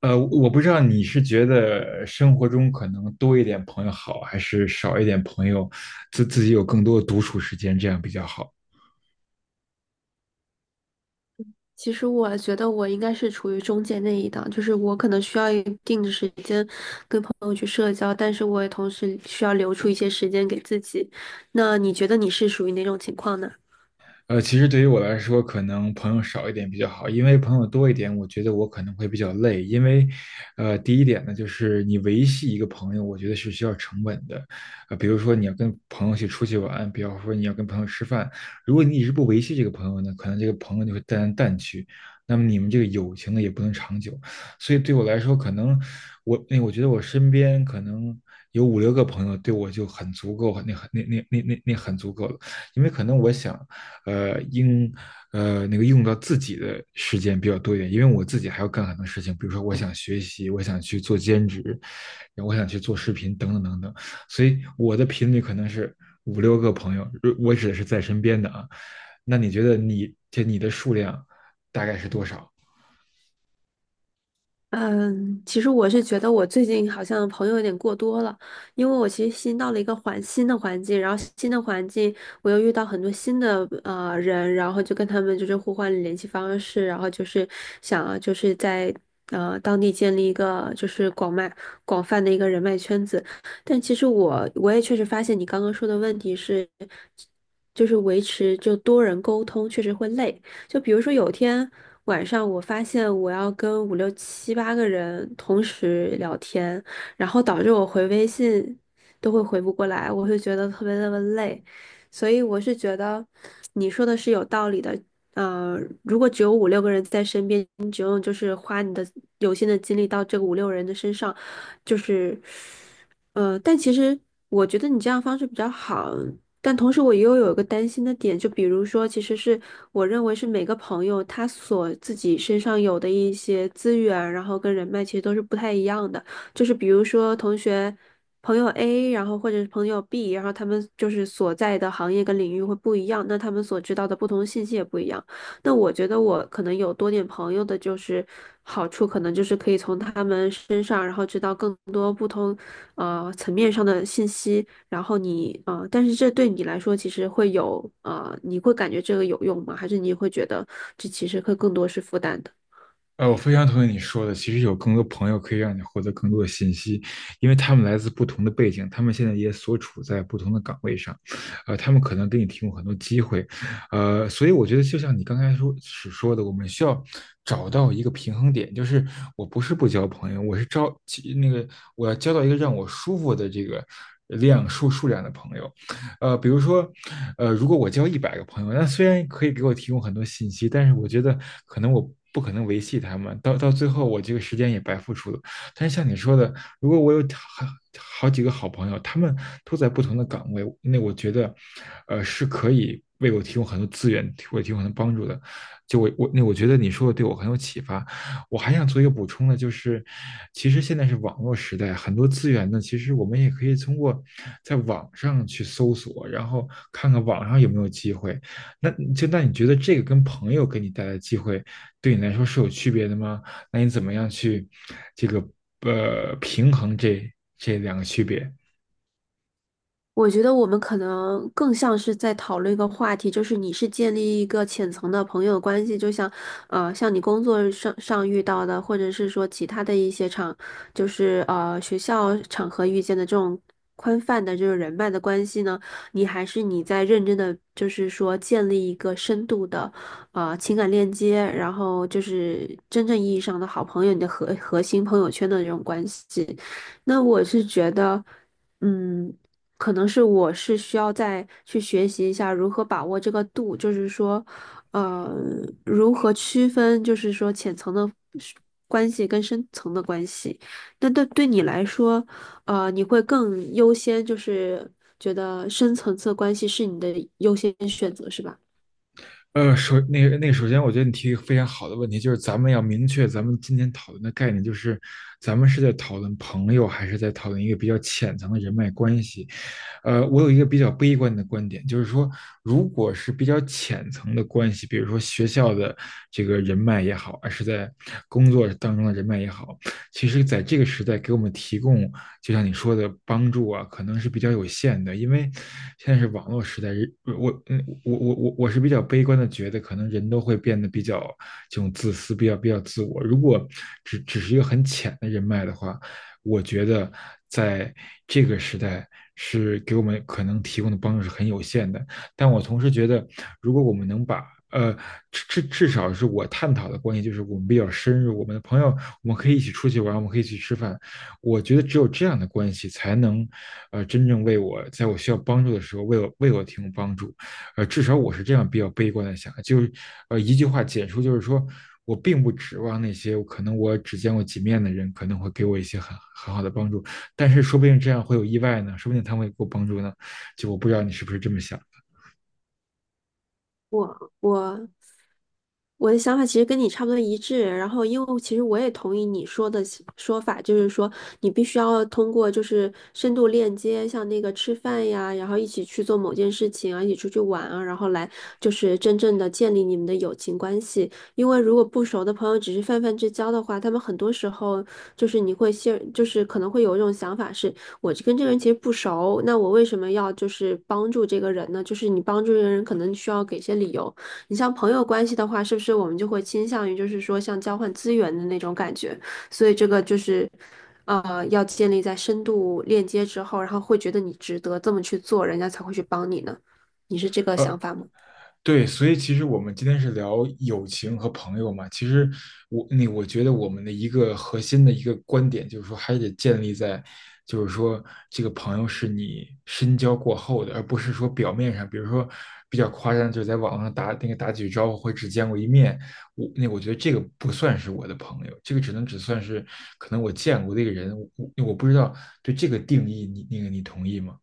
我不知道你是觉得生活中可能多一点朋友好，还是少一点朋友，自己有更多的独处时间，这样比较好。其实我觉得我应该是处于中间那一档，就是我可能需要一定的时间跟朋友去社交，但是我也同时需要留出一些时间给自己。那你觉得你是属于哪种情况呢？其实对于我来说，可能朋友少一点比较好，因为朋友多一点，我觉得我可能会比较累。因为，第一点呢，就是你维系一个朋友，我觉得是需要成本的。比如说你要跟朋友去出去玩，比方说你要跟朋友吃饭，如果你一直不维系这个朋友呢，可能这个朋友就会淡来淡去，那么你们这个友情呢也不能长久。所以对我来说，可能我觉得我身边可能有五六个朋友，对我就很足够，那很那那那那那很足够了，因为可能我想。呃应呃那个用到自己的时间比较多一点，因为我自己还要干很多事情，比如说我想学习，我想去做兼职，然后我想去做视频等等等等，所以我的频率可能是五六个朋友，我指的是在身边的啊。那你觉得你的数量大概是多少？嗯，其实我是觉得我最近好像朋友有点过多了，因为我其实新到了一个新的环境，然后新的环境我又遇到很多新的人，然后就跟他们就是互换联系方式，然后就是想啊就是在当地建立一个就是广泛的一个人脉圈子，但其实我也确实发现你刚刚说的问题是，就是维持就多人沟通确实会累。就比如说有天，晚上我发现我要跟五六七八个人同时聊天，然后导致我回微信都会回不过来，我会觉得特别特别累，所以我是觉得你说的是有道理的。呃，如果只有五六个人在身边，你只用就是花你的有限的精力到这个五六人的身上，就是，但其实我觉得你这样方式比较好，但同时，我又有一个担心的点，就比如说，其实是我认为是每个朋友他所自己身上有的一些资源，然后跟人脉其实都是不太一样的。就是比如说，同学、朋友 A，然后或者是朋友 B，然后他们就是所在的行业跟领域会不一样，那他们所知道的不同信息也不一样。那我觉得我可能有多点朋友的，就是好处可能就是可以从他们身上，然后知道更多不同层面上的信息。然后但是这对你来说其实会有你会感觉这个有用吗？还是你会觉得这其实会更多是负担的？我非常同意你说的。其实有更多朋友可以让你获得更多的信息，因为他们来自不同的背景，他们现在也所处在不同的岗位上，他们可能给你提供很多机会，所以我觉得就像你刚才说所说的，我们需要找到一个平衡点，就是我不是不交朋友，我是招其那个我要交到一个让我舒服的这个数量的朋友，比如说，如果我交100个朋友，那虽然可以给我提供很多信息，但是我觉得可能我不可能维系他们，到最后我这个时间也白付出了。但是像你说的，如果我有好几个好朋友，他们都在不同的岗位，那我觉得，是可以为我提供很多资源，为我提供很多帮助的。就我我那我觉得你说的对我很有启发。我还想做一个补充的，就是其实现在是网络时代，很多资源呢，其实我们也可以通过在网上去搜索，然后看看网上有没有机会。那你觉得这个跟朋友给你带来的机会，对你来说是有区别的吗？那你怎么样去这个平衡这两个区别？我觉得我们可能更像是在讨论一个话题，就是你是建立一个浅层的朋友关系，就像，像你工作上遇到的，或者是说其他的一些，就是学校场合遇见的这种宽泛的这种人脉的关系呢，你还是你在认真的，就是说建立一个深度的，情感链接，然后就是真正意义上的好朋友，你的核心朋友圈的这种关系。那我是觉得，嗯。可能是我是需要再去学习一下如何把握这个度，就是说，呃，如何区分，就是说浅层的是关系跟深层的关系。那对你来说，你会更优先，就是觉得深层次关系是你的优先选择，是吧？呃，首那个那个，首先我觉得你提一个非常好的问题，就是咱们要明确咱们今天讨论的概念，就是咱们是在讨论朋友，还是在讨论一个比较浅层的人脉关系？我有一个比较悲观的观点，就是说，如果是比较浅层的关系，比如说学校的这个人脉也好，还是在工作当中的人脉也好，其实在这个时代给我们提供就像你说的帮助啊，可能是比较有限的，因为现在是网络时代，我嗯我我我我是比较悲观的，觉得可能人都会变得比较这种自私，比较自我。如果只是一个很浅的人脉的话，我觉得在这个时代是给我们可能提供的帮助是很有限的。但我同时觉得，如果我们能把呃，至少是我探讨的关系，就是我们比较深入，我们的朋友，我们可以一起出去玩，我们可以一起吃饭，我觉得只有这样的关系才能，真正为我在我需要帮助的时候为我提供帮助，至少我是这样比较悲观的想，就是，一句话简述就是说我并不指望那些可能我只见过几面的人可能会给我一些很好的帮助，但是说不定这样会有意外呢，说不定他们会给我帮助呢，就我不知道你是不是这么想。我我我的想法其实跟你差不多一致，然后因为其实我也同意你说的说法，就是说你必须要通过就是深度链接，像那个吃饭呀，然后一起去做某件事情啊，一起出去玩啊，然后来就是真正的建立你们的友情关系。因为如果不熟的朋友只是泛泛之交的话，他们很多时候就是你会陷，就是可能会有一种想法是。我就跟这个人其实不熟，那我为什么要就是帮助这个人呢？就是你帮助这个人，可能需要给一些理由。你像朋友关系的话，是不是我们就会倾向于就是说像交换资源的那种感觉？所以这个就是，要建立在深度链接之后，然后会觉得你值得这么去做，人家才会去帮你呢。你是这个想呃，法吗？对，所以其实我们今天是聊友情和朋友嘛。其实我觉得我们的一个核心的一个观点就是说，还得建立在，就是说这个朋友是你深交过后的，而不是说表面上，比如说比较夸张，就是在网上打那个打几句招呼或者只见过一面，我觉得这个不算是我的朋友，这个只能算是可能我见过的一个人，我不知道对这个定义你那个你同意吗？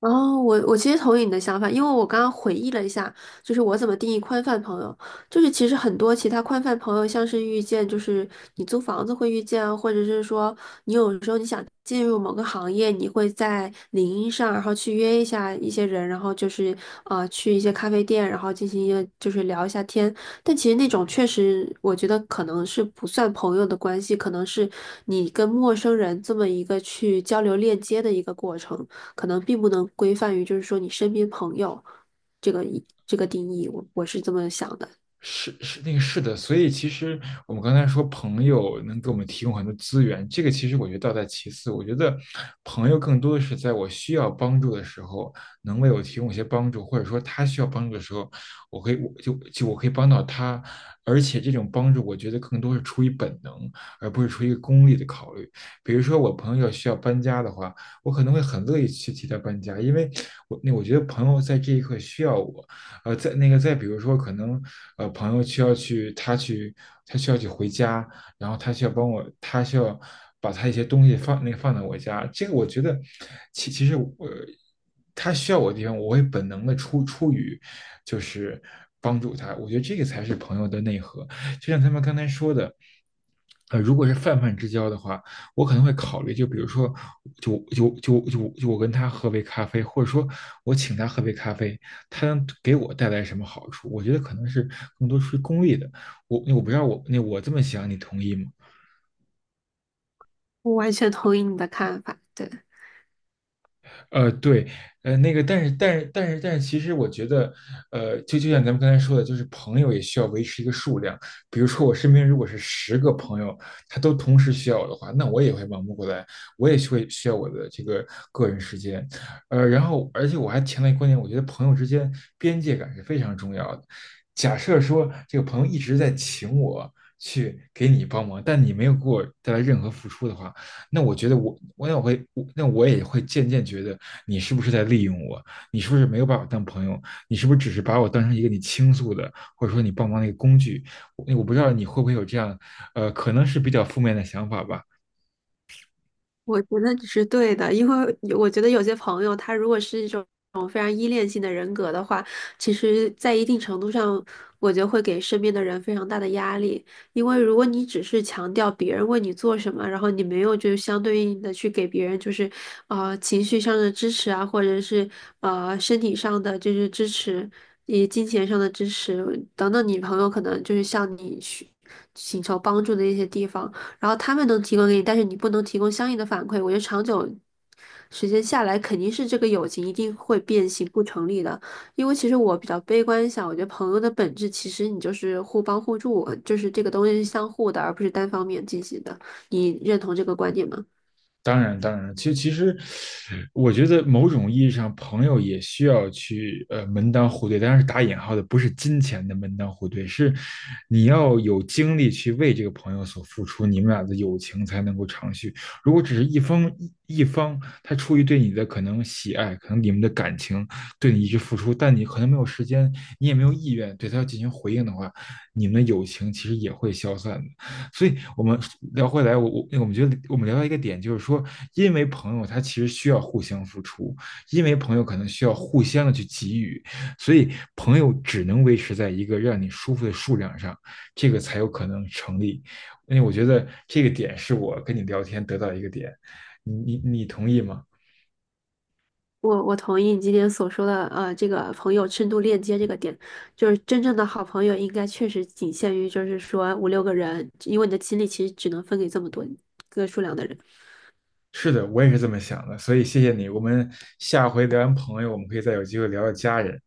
哦，我其实同意你的想法，因为我刚刚回忆了一下，就是我怎么定义宽泛朋友，就是其实很多其他宽泛朋友，像是遇见，就是你租房子会遇见啊，或者是说你有时候你想进入某个行业，你会在领英上，然后去约一下一些人，然后就是去一些咖啡店，然后进行一个就是聊一下天。但其实那种确实，我觉得可能是不算朋友的关系，可能是你跟陌生人这么一个去交流链接的一个过程。可能并不能规范于就是说你身边朋友这个这个定义，我是这么想的，是的，所以其实我们刚才说朋友能给我们提供很多资源，这个其实我觉得倒在其次。我觉得朋友更多的是在我需要帮助的时候，能为我提供一些帮助，或者说他需要帮助的时候，我可以帮到他。而且这种帮助，我觉得更多是出于本能，而不是出于一个功利的考虑。比如说我朋友需要搬家的话，我可能会很乐意去替他搬家，因为我觉得朋友在这一刻需要我，呃，再那个再比如说，可能呃朋友需要去他去他需要去回家，然后他需要帮我，他需要把他一些东西放那个放在我家，这个我觉得其实他需要我的地方，我会本能的出于就是帮助他，我觉得这个才是朋友的内核，就像他们刚才说的，如果是泛泛之交的话，我可能会考虑，就比如说，就我跟他喝杯咖啡，或者说我请他喝杯咖啡，他能给我带来什么好处？我觉得可能是更多出于功利的。我不知道我这么想，你同意吗？我完全同意你的看法，对。对，但是，其实我觉得，就像咱们刚才说的，就是朋友也需要维持一个数量。比如说，我身边如果是10个朋友，他都同时需要我的话，那我也会忙不过来，我也会需要我的这个个人时间。然后，而且我还强调一个观点，我觉得朋友之间边界感是非常重要的。假设说这个朋友一直在请我去给你帮忙，但你没有给我带来任何付出的话，那我觉得我我那我会我那我也会渐渐觉得你是不是在利用我？你是不是没有把我当朋友？你是不是只是把我当成一个你倾诉的，或者说你帮忙的一个工具？我不知道你会不会有这样，可能是比较负面的想法吧。我觉得你是对的，因为我觉得有些朋友他如果是一种非常依恋性的人格的话，其实，在一定程度上，我觉得会给身边的人非常大的压力。因为如果你只是强调别人为你做什么，然后你没有就相对应的去给别人就是情绪上的支持啊，或者是身体上的就是支持，以及金钱上的支持等等，你朋友可能就是向你去请求帮助的一些地方。然后他们能提供给你，但是你不能提供相应的反馈。我觉得长久时间下来，肯定是这个友情一定会变形不成立的。因为其实我比较悲观一下，我觉得朋友的本质其实你就是互帮互助，就是这个东西是相互的，而不是单方面进行的。你认同这个观点吗？当然，当然，其实，我觉得某种意义上，朋友也需要去门当户对，当然是打引号的，不是金钱的门当户对，是你要有精力去为这个朋友所付出，你们俩的友情才能够长续。如果只是一方，他出于对你的可能喜爱，可能你们的感情对你一直付出，但你可能没有时间，你也没有意愿对他进行回应的话，你们的友情其实也会消散的。所以我们聊回来，我们觉得我们聊到一个点，就是说，因为朋友他其实需要互相付出，因为朋友可能需要互相的去给予，所以朋友只能维持在一个让你舒服的数量上，这个才有可能成立。因为我觉得这个点是我跟你聊天得到一个点，你同意吗？我同意你今天所说的，这个朋友深度链接这个点，就是真正的好朋友应该确实仅限于就是说五六个人，因为你的精力其实只能分给这么多个数量的人。是的，我也是这么想的，所以谢谢你。我们下回聊完朋友，我们可以再有机会聊聊家人。